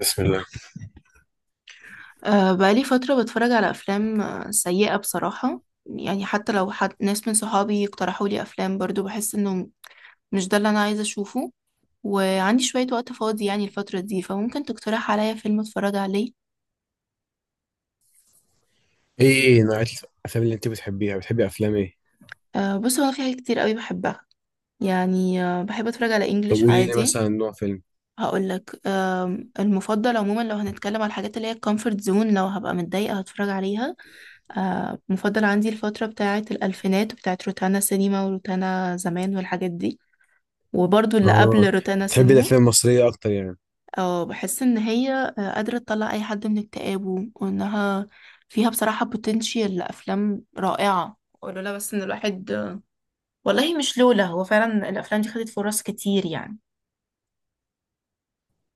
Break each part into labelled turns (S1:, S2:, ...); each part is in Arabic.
S1: بسم الله.
S2: بقالي فترة بتفرج على أفلام سيئة بصراحة، يعني حتى لو حد ناس من صحابي اقترحوا لي أفلام برضو بحس إنه مش ده اللي أنا عايزة أشوفه. وعندي شوية وقت فاضي يعني الفترة دي، فممكن تقترح عليا فيلم أتفرج عليه.
S1: ايه نوعية الافلام اللي انت بتحبيها؟ بتحبي افلام ايه؟
S2: بص، هو أنا في حاجات كتير قوي بحبها. يعني بحب أتفرج على
S1: طب
S2: إنجليش
S1: قولي لي
S2: عادي.
S1: مثلا نوع فيلم.
S2: هقول لك المفضل عموما، لو هنتكلم على الحاجات اللي هي الكومفورت زون لو هبقى متضايقة هتفرج عليها. مفضل عندي الفترة بتاعة الألفينات وبتاعة روتانا سينما وروتانا زمان والحاجات دي، وبرضو اللي
S1: اه،
S2: قبل روتانا
S1: بتحبي
S2: سينما.
S1: الافلام المصرية اكتر يعني؟
S2: أو بحس إن هي قادرة تطلع أي حد من اكتئابه، وإنها فيها بصراحة بوتنشال لأفلام رائعة. ولولا بس إن الواحد، والله مش لولا، هو فعلا الأفلام دي خدت فرص كتير يعني.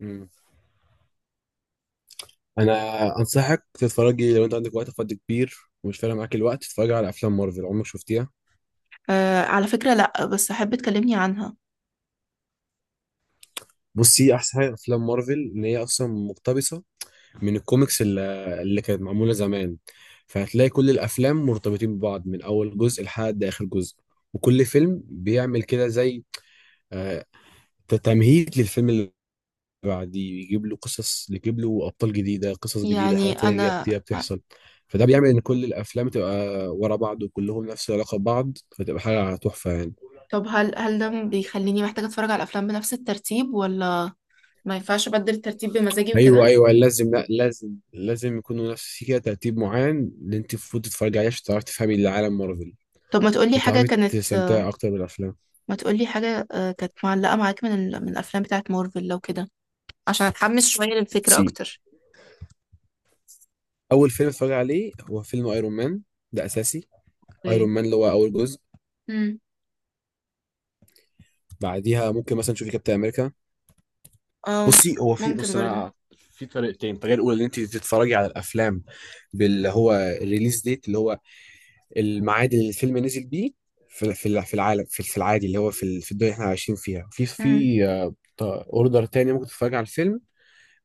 S1: مم. انا انصحك تتفرجي، لو انت عندك وقت فاضي كبير ومش فارق معاك الوقت، تتفرجي على افلام مارفل. عمرك شفتيها؟
S2: أه على فكرة لأ، بس أحب تكلمني عنها.
S1: بصي، احسن حاجة افلام مارفل ان هي اصلا مقتبسة من الكوميكس اللي كانت معمولة زمان، فهتلاقي كل الافلام مرتبطين ببعض من اول جزء لحد اخر جزء. وكل فيلم بيعمل كده زي آه، تمهيد للفيلم بعديه، يجيب له قصص، يجيب له ابطال جديده، قصص جديده،
S2: يعني
S1: حاجات تانية جايه
S2: انا.
S1: بتحصل. فده بيعمل ان كل الافلام تبقى ورا بعض وكلهم نفس العلاقه ببعض، فتبقى حاجه تحفه يعني.
S2: طب هل ده بيخليني محتاجة اتفرج على الافلام بنفس الترتيب، ولا ما ينفعش ابدل الترتيب بمزاجي
S1: ايوه
S2: وكده.
S1: ايوه لازم، لا لازم لازم يكونوا نفس في كده ترتيب معين اللي انت المفروض تتفرجي عليه عشان تعرفي تفهمي اللي عالم مارفل
S2: طب
S1: وتعرفي تستمتعي اكتر بالافلام.
S2: ما تقولي حاجة كانت معلقة معاك من الافلام بتاعت مارفل لو كده، عشان اتحمس شوية للفكرة
S1: سي،
S2: اكتر.
S1: اول فيلم اتفرج عليه هو فيلم ايرون مان، ده اساسي. ايرون
S2: اوكي.
S1: مان اللي هو اول جزء.
S2: امم.
S1: بعديها ممكن مثلا تشوفي كابتن امريكا.
S2: اه.
S1: بصي هو في،
S2: ممكن
S1: بص،
S2: برضه.
S1: انا في طريقتين. الطريقه الاولى ان انت تتفرجي على الافلام باللي هو الريليز ديت، اللي هو الميعاد اللي الفيلم نزل بيه في العالم، في العادي، اللي هو في الدنيا اللي احنا عايشين فيها. في
S2: امم.
S1: في اوردر تاني ممكن تتفرجي على الفيلم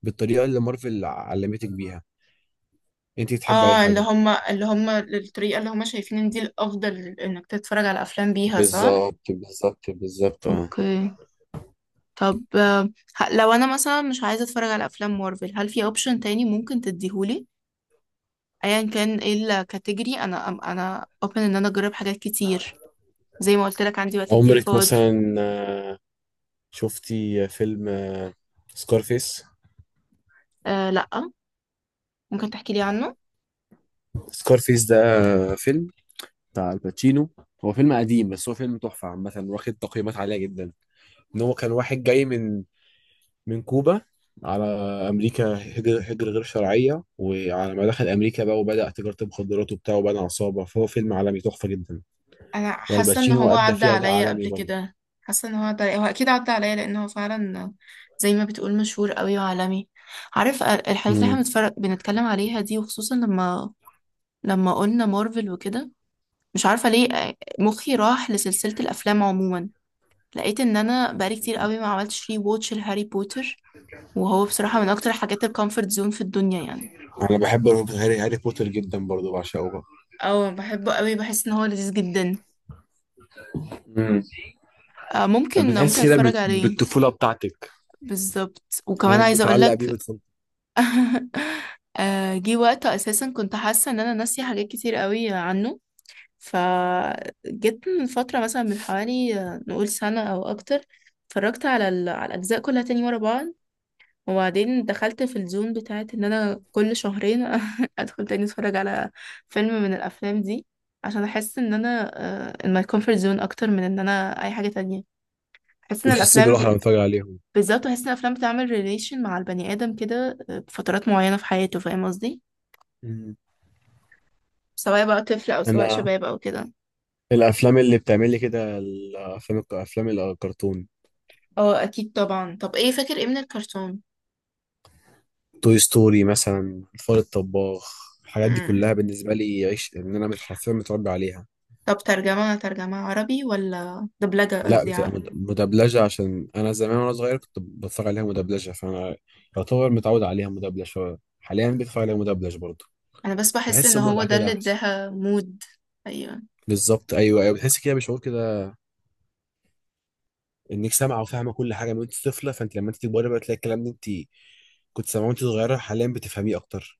S1: بالطريقه اللي مارفل علمتك بيها، انت تحبي اي
S2: اه، اللي
S1: حاجه.
S2: هما اللي هما الطريقة اللي هما شايفين ان دي الافضل انك تتفرج على افلام بيها، صح.
S1: بالظبط اه.
S2: اوكي. طب لو انا مثلا مش عايزه اتفرج على افلام مارفل، هل في اوبشن تاني ممكن تديهولي ايا كان ايه الكاتيجوري؟ انا اوبن ان انا اجرب حاجات كتير، زي ما قلت لك عندي وقت كتير
S1: عمرك
S2: فاضي.
S1: مثلا شفتي فيلم سكارفيس؟
S2: أه لا، ممكن تحكي لي عنه.
S1: سكارفيس ده فيلم بتاع الباتشينو. هو فيلم قديم بس هو فيلم تحفة عامة، واخد تقييمات عالية جدا. ان هو كان واحد جاي من من كوبا على امريكا، هجر غير شرعية، وعلى ما دخل امريكا بقى وبدأ تجارة المخدرات وبتاع وبنى عصابة. فهو فيلم عالمي تحفة جدا.
S2: انا حاسه ان
S1: والباتشينو
S2: هو
S1: ادى
S2: عدى
S1: فيه اداء
S2: عليا
S1: عالمي
S2: قبل
S1: برضه.
S2: كده، حاسه ان هو عدى عليا، هو اكيد عدى عليا لان هو فعلا زي ما بتقول مشهور قوي وعالمي. عارف، الحاجات اللي احنا
S1: امم،
S2: بنتكلم عليها دي، وخصوصا لما قلنا مارفل وكده. مش عارفة ليه مخي راح لسلسلة الأفلام عموما. لقيت إن أنا بقالي كتير قوي ما عملتش ري ووتش لهاري بوتر، وهو بصراحة من أكتر حاجات الكومفورت زون في الدنيا يعني.
S1: انا بحب هاري بوتر جدا برضه، بعشقه بقى.
S2: اه بحبه قوي، بحس إن هو لذيذ جدا.
S1: امم.
S2: ممكن
S1: بتحس
S2: ممكن
S1: كده
S2: أتفرج عليه.
S1: بالطفولة بتاعتك،
S2: بالظبط، وكمان
S1: انا
S2: عايزة
S1: بتعلق بيه،
S2: أقولك
S1: بتفضل
S2: جه وقت أساسا كنت حاسة إن أنا ناسية حاجات كتير قوي عنه. فجيت من فترة مثلا من حوالي نقول سنة أو أكتر، اتفرجت على الأجزاء كلها تاني ورا بعض. وبعدين دخلت في الزون بتاعت ان انا كل شهرين ادخل تاني اتفرج على فيلم من الافلام دي، عشان احس ان انا ان my comfort zone اكتر من ان انا اي حاجة تانية. احس ان
S1: بتحس
S2: الافلام
S1: بالراحة لما بتفرج عليهم.
S2: بالذات، احس ان الافلام بتعمل ريليشن مع البني ادم كده بفترات معينة في حياته، فاهم قصدي؟
S1: مم.
S2: سواء بقى طفل او سواء
S1: انا
S2: شباب او كده.
S1: الافلام اللي بتعمل لي كده الافلام افلام الكرتون.
S2: اه اكيد طبعا، طب ايه فاكر ايه من الكرتون؟
S1: توي ستوري مثلا، الفار الطباخ، الحاجات دي
S2: امم.
S1: كلها بالنسبه لي عيش، ان انا حرفيا متربي عليها.
S2: طب ترجمة عربي ولا دبلجة،
S1: لا،
S2: قصدي
S1: بتبقى مدبلجه، عشان انا زمان وانا صغير كنت بتفرج عليها مدبلجه، فانا يعتبر متعود عليها مدبلجه. حاليا بتفرج عليها مدبلج برضه،
S2: انا بس بحس
S1: بحس
S2: ان هو
S1: المتعه
S2: ده
S1: كده
S2: اللي
S1: احسن.
S2: اداها مود. ايوه.
S1: بالظبط، ايوه، بتحس كده بشعور كده انك سامعه وفاهمه كل حاجه من وانت طفله. فانت لما انت تكبري بقى تلاقي الكلام ده انت كنت سامعاه وانت صغيره، حاليا بتفهميه اكتر،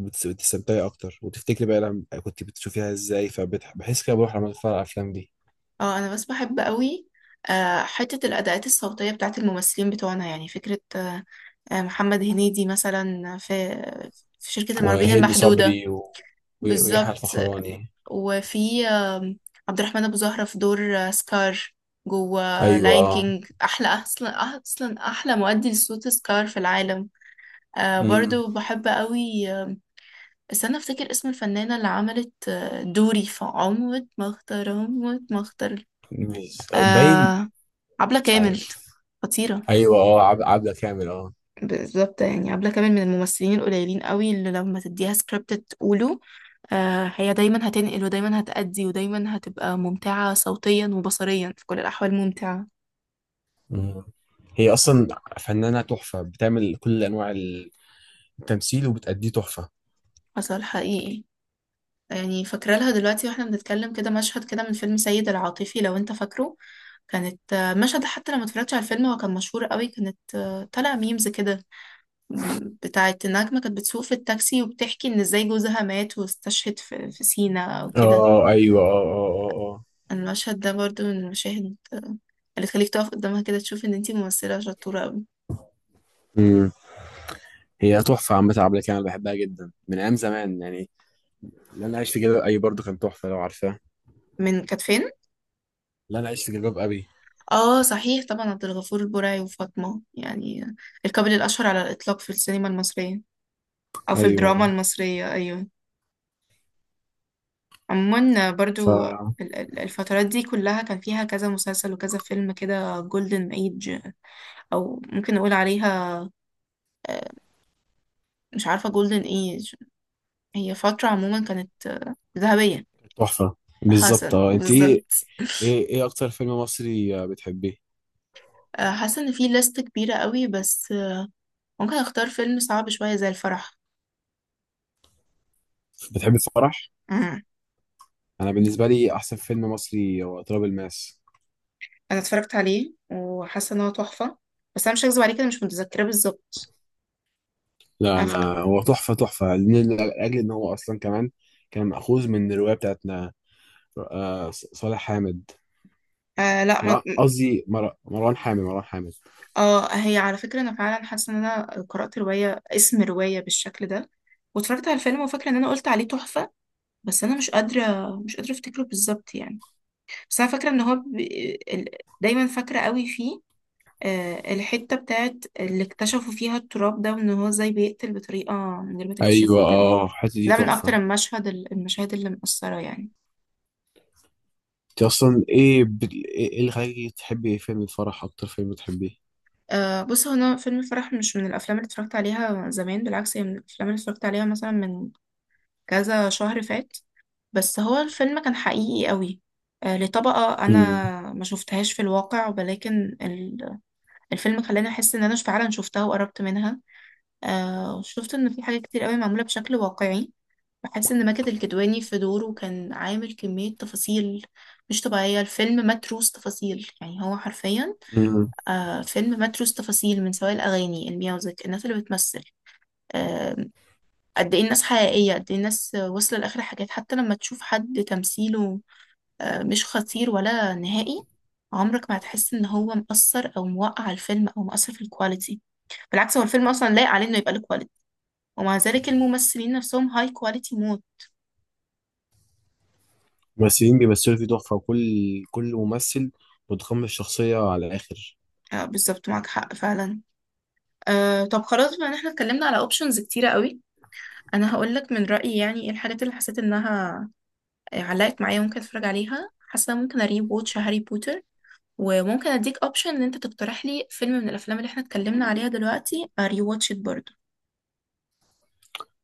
S1: بتستمتعي اكتر، وتفتكري بقى لما كنت بتشوفيها ازاي، فبحس كده بروح لما اتفرج على الافلام دي.
S2: اه انا بس بحب قوي حتة الأداءات الصوتية بتاعت الممثلين بتوعنا، يعني فكرة محمد هنيدي مثلا في شركة المرعبين
S1: وهند
S2: المحدودة.
S1: صبري ويحيى
S2: بالظبط.
S1: الفخراني.
S2: وفي عبد الرحمن أبو زهرة في دور سكار جوه
S1: ايوه
S2: لاين
S1: اه.
S2: كينج، أحلى أصلا، أصلا أحلى مؤدي لصوت سكار في العالم.
S1: امم.
S2: برضو بحب قوي استنى أفتكر اسم الفنانة اللي عملت دوري في عمود ما اختار، عمود ما اختار.
S1: باين
S2: آه عبلة
S1: مش
S2: كامل،
S1: عارف.
S2: خطيرة.
S1: ايوه اه، عبلة كامل اه.
S2: بالظبط، يعني عبلة كامل من الممثلين القليلين قوي اللي لما تديها سكريبت تقوله. هي دايما هتنقل، ودايما هتأدي، ودايما هتبقى ممتعة صوتيا وبصريا، في كل الأحوال ممتعة.
S1: مم. هي اصلا فنانة تحفة، بتعمل كل انواع التمثيل وبتأديه تحفة.
S2: حصل حقيقي. يعني فاكرة لها دلوقتي واحنا بنتكلم كده مشهد كده من فيلم سيد العاطفي، لو انت فاكره. كانت مشهد حتى لما اتفرجتش على الفيلم هو كان مشهور قوي، كانت طالع ميمز كده بتاعة النجمة، كانت بتسوق في التاكسي وبتحكي إن إزاي جوزها مات واستشهد في سينا أو كده.
S1: اه ايوه، اه اه اه اه.
S2: المشهد ده برضو من المشاهد اللي تخليك تقف قدامها كده تشوف إن انتي ممثلة شطورة أوي.
S1: امم. هي تحفة عامة، عبلة كامل بحبها جدا من ايام زمان يعني. لا انا عايش في جلباب ابي برضو كان تحفة، لو عارفاه.
S2: من كانت فين؟
S1: لا انا عايش في جلباب ابي.
S2: اه صحيح طبعا، عبد الغفور البرعي وفاطمة، يعني الكابل الأشهر على الإطلاق في السينما المصرية، أو في الدراما
S1: ايوه.
S2: المصرية أيوه. عموما
S1: ف
S2: برضو الفترات دي كلها كان فيها كذا مسلسل وكذا فيلم كده، جولدن ايج أو ممكن نقول عليها آه، مش عارفة، جولدن ايج هي فترة عموما كانت ذهبية.
S1: تحفه. بالظبط
S2: حسن
S1: اه. انت ايه
S2: بالظبط.
S1: ايه ايه اكتر فيلم مصري آه، بتحبيه؟
S2: حاسة ان في لست كبيرة قوي، بس ممكن اختار فيلم صعب شوية زي الفرح.
S1: بتحبي الفرح؟
S2: مم.
S1: انا بالنسبه لي احسن فيلم مصري هو تراب الماس.
S2: انا اتفرجت عليه وحاسة ان هو تحفة، بس انا مش هكذب عليك انا مش متذكرة بالظبط.
S1: لا
S2: أنا ف...
S1: انا هو تحفه تحفه، لاجل ان هو اصلا كمان كان مأخوذ من الروايه بتاعتنا. صالح حامد،
S2: آه لا، ما...
S1: قصدي مروان حامد، مروان حامد.
S2: اه هي على فكرة انا فعلا حاسة ان انا قرأت رواية اسم رواية بالشكل ده، واتفرجت على الفيلم وفاكرة ان انا قلت عليه تحفة، بس انا مش قادرة مش قادرة افتكره بالظبط يعني. بس انا فاكرة ان هو دايما فاكرة قوي فيه الحتة بتاعت اللي اكتشفوا فيها التراب ده، وان هو ازاي بيقتل بطريقة من غير ما
S1: ايوه
S2: تكتشفه كده.
S1: اه، الحته دي
S2: ده من اكتر
S1: تحفه.
S2: المشاهد اللي مأثرة يعني.
S1: انت اصلا ايه إيه اللي خلاكي تحبي فيلم الفرح اكتر فيلم بتحبيه؟
S2: بص، هو انا فيلم الفرح مش من الافلام اللي اتفرجت عليها زمان، بالعكس هي من الافلام اللي اتفرجت عليها مثلا من كذا شهر فات. بس هو الفيلم كان حقيقي قوي. لطبقة انا ما شفتهاش في الواقع، ولكن الفيلم خلاني احس ان انا فعلا شفتها وقربت منها. شفت ان في حاجات كتير قوي معمولة بشكل واقعي، بحس ان ماجد الكدواني في دوره كان عامل كمية تفاصيل مش طبيعية. الفيلم متروس تفاصيل يعني هو حرفيا
S1: امم.
S2: فيلم متروس تفاصيل، من سواء الأغاني الميوزك، الناس اللي بتمثل آه قد ايه الناس حقيقية، قد ايه الناس وصل لآخر حاجات، حتى لما تشوف حد تمثيله مش خطير ولا نهائي، عمرك ما هتحس ان هو مؤثر او موقع الفيلم او مؤثر في الكواليتي. بالعكس هو الفيلم اصلا لايق عليه انه يبقى له كواليتي، ومع ذلك الممثلين نفسهم هاي كواليتي مود.
S1: الممثلين بيمثلوا فيه تحفة، وكل ممثل متقمص الشخصية على الآخر.
S2: بالظبط، معاك حق فعلا. طب خلاص بما ان احنا اتكلمنا على اوبشنز كتيرة قوي، انا هقول لك من رأيي يعني ايه الحاجات اللي حسيت انها علقت معايا وممكن اتفرج عليها. حاسة ممكن اري ووتش هاري بوتر، وممكن اديك اوبشن ان انت تقترح لي فيلم من الافلام اللي احنا اتكلمنا عليها دلوقتي اري واتش برضه.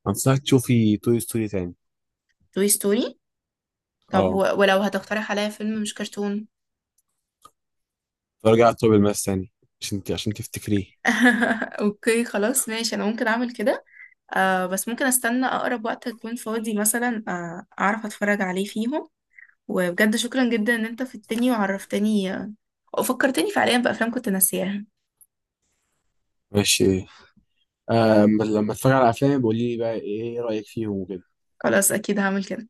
S1: أنصحك تشوفي توي ستوري تاني.
S2: توي ستوري. طب
S1: اه،
S2: ولو هتقترح عليا فيلم مش كرتون
S1: ترجع على توي الماس تاني، عشان تفتكريه.
S2: اوكي خلاص ماشي، انا ممكن اعمل كده. بس ممكن استنى اقرب وقت اكون فاضي، مثلا اعرف اتفرج عليه فيهم. وبجد شكرا جدا ان انت في التاني وعرفتني، فكرتني فعليا بأفلام كنت ناسياها.
S1: ماشي. آه لما اتفرج على أفلامي بقولي لي بقى إيه رأيك فيهم وكده.
S2: خلاص أكيد هعمل كده.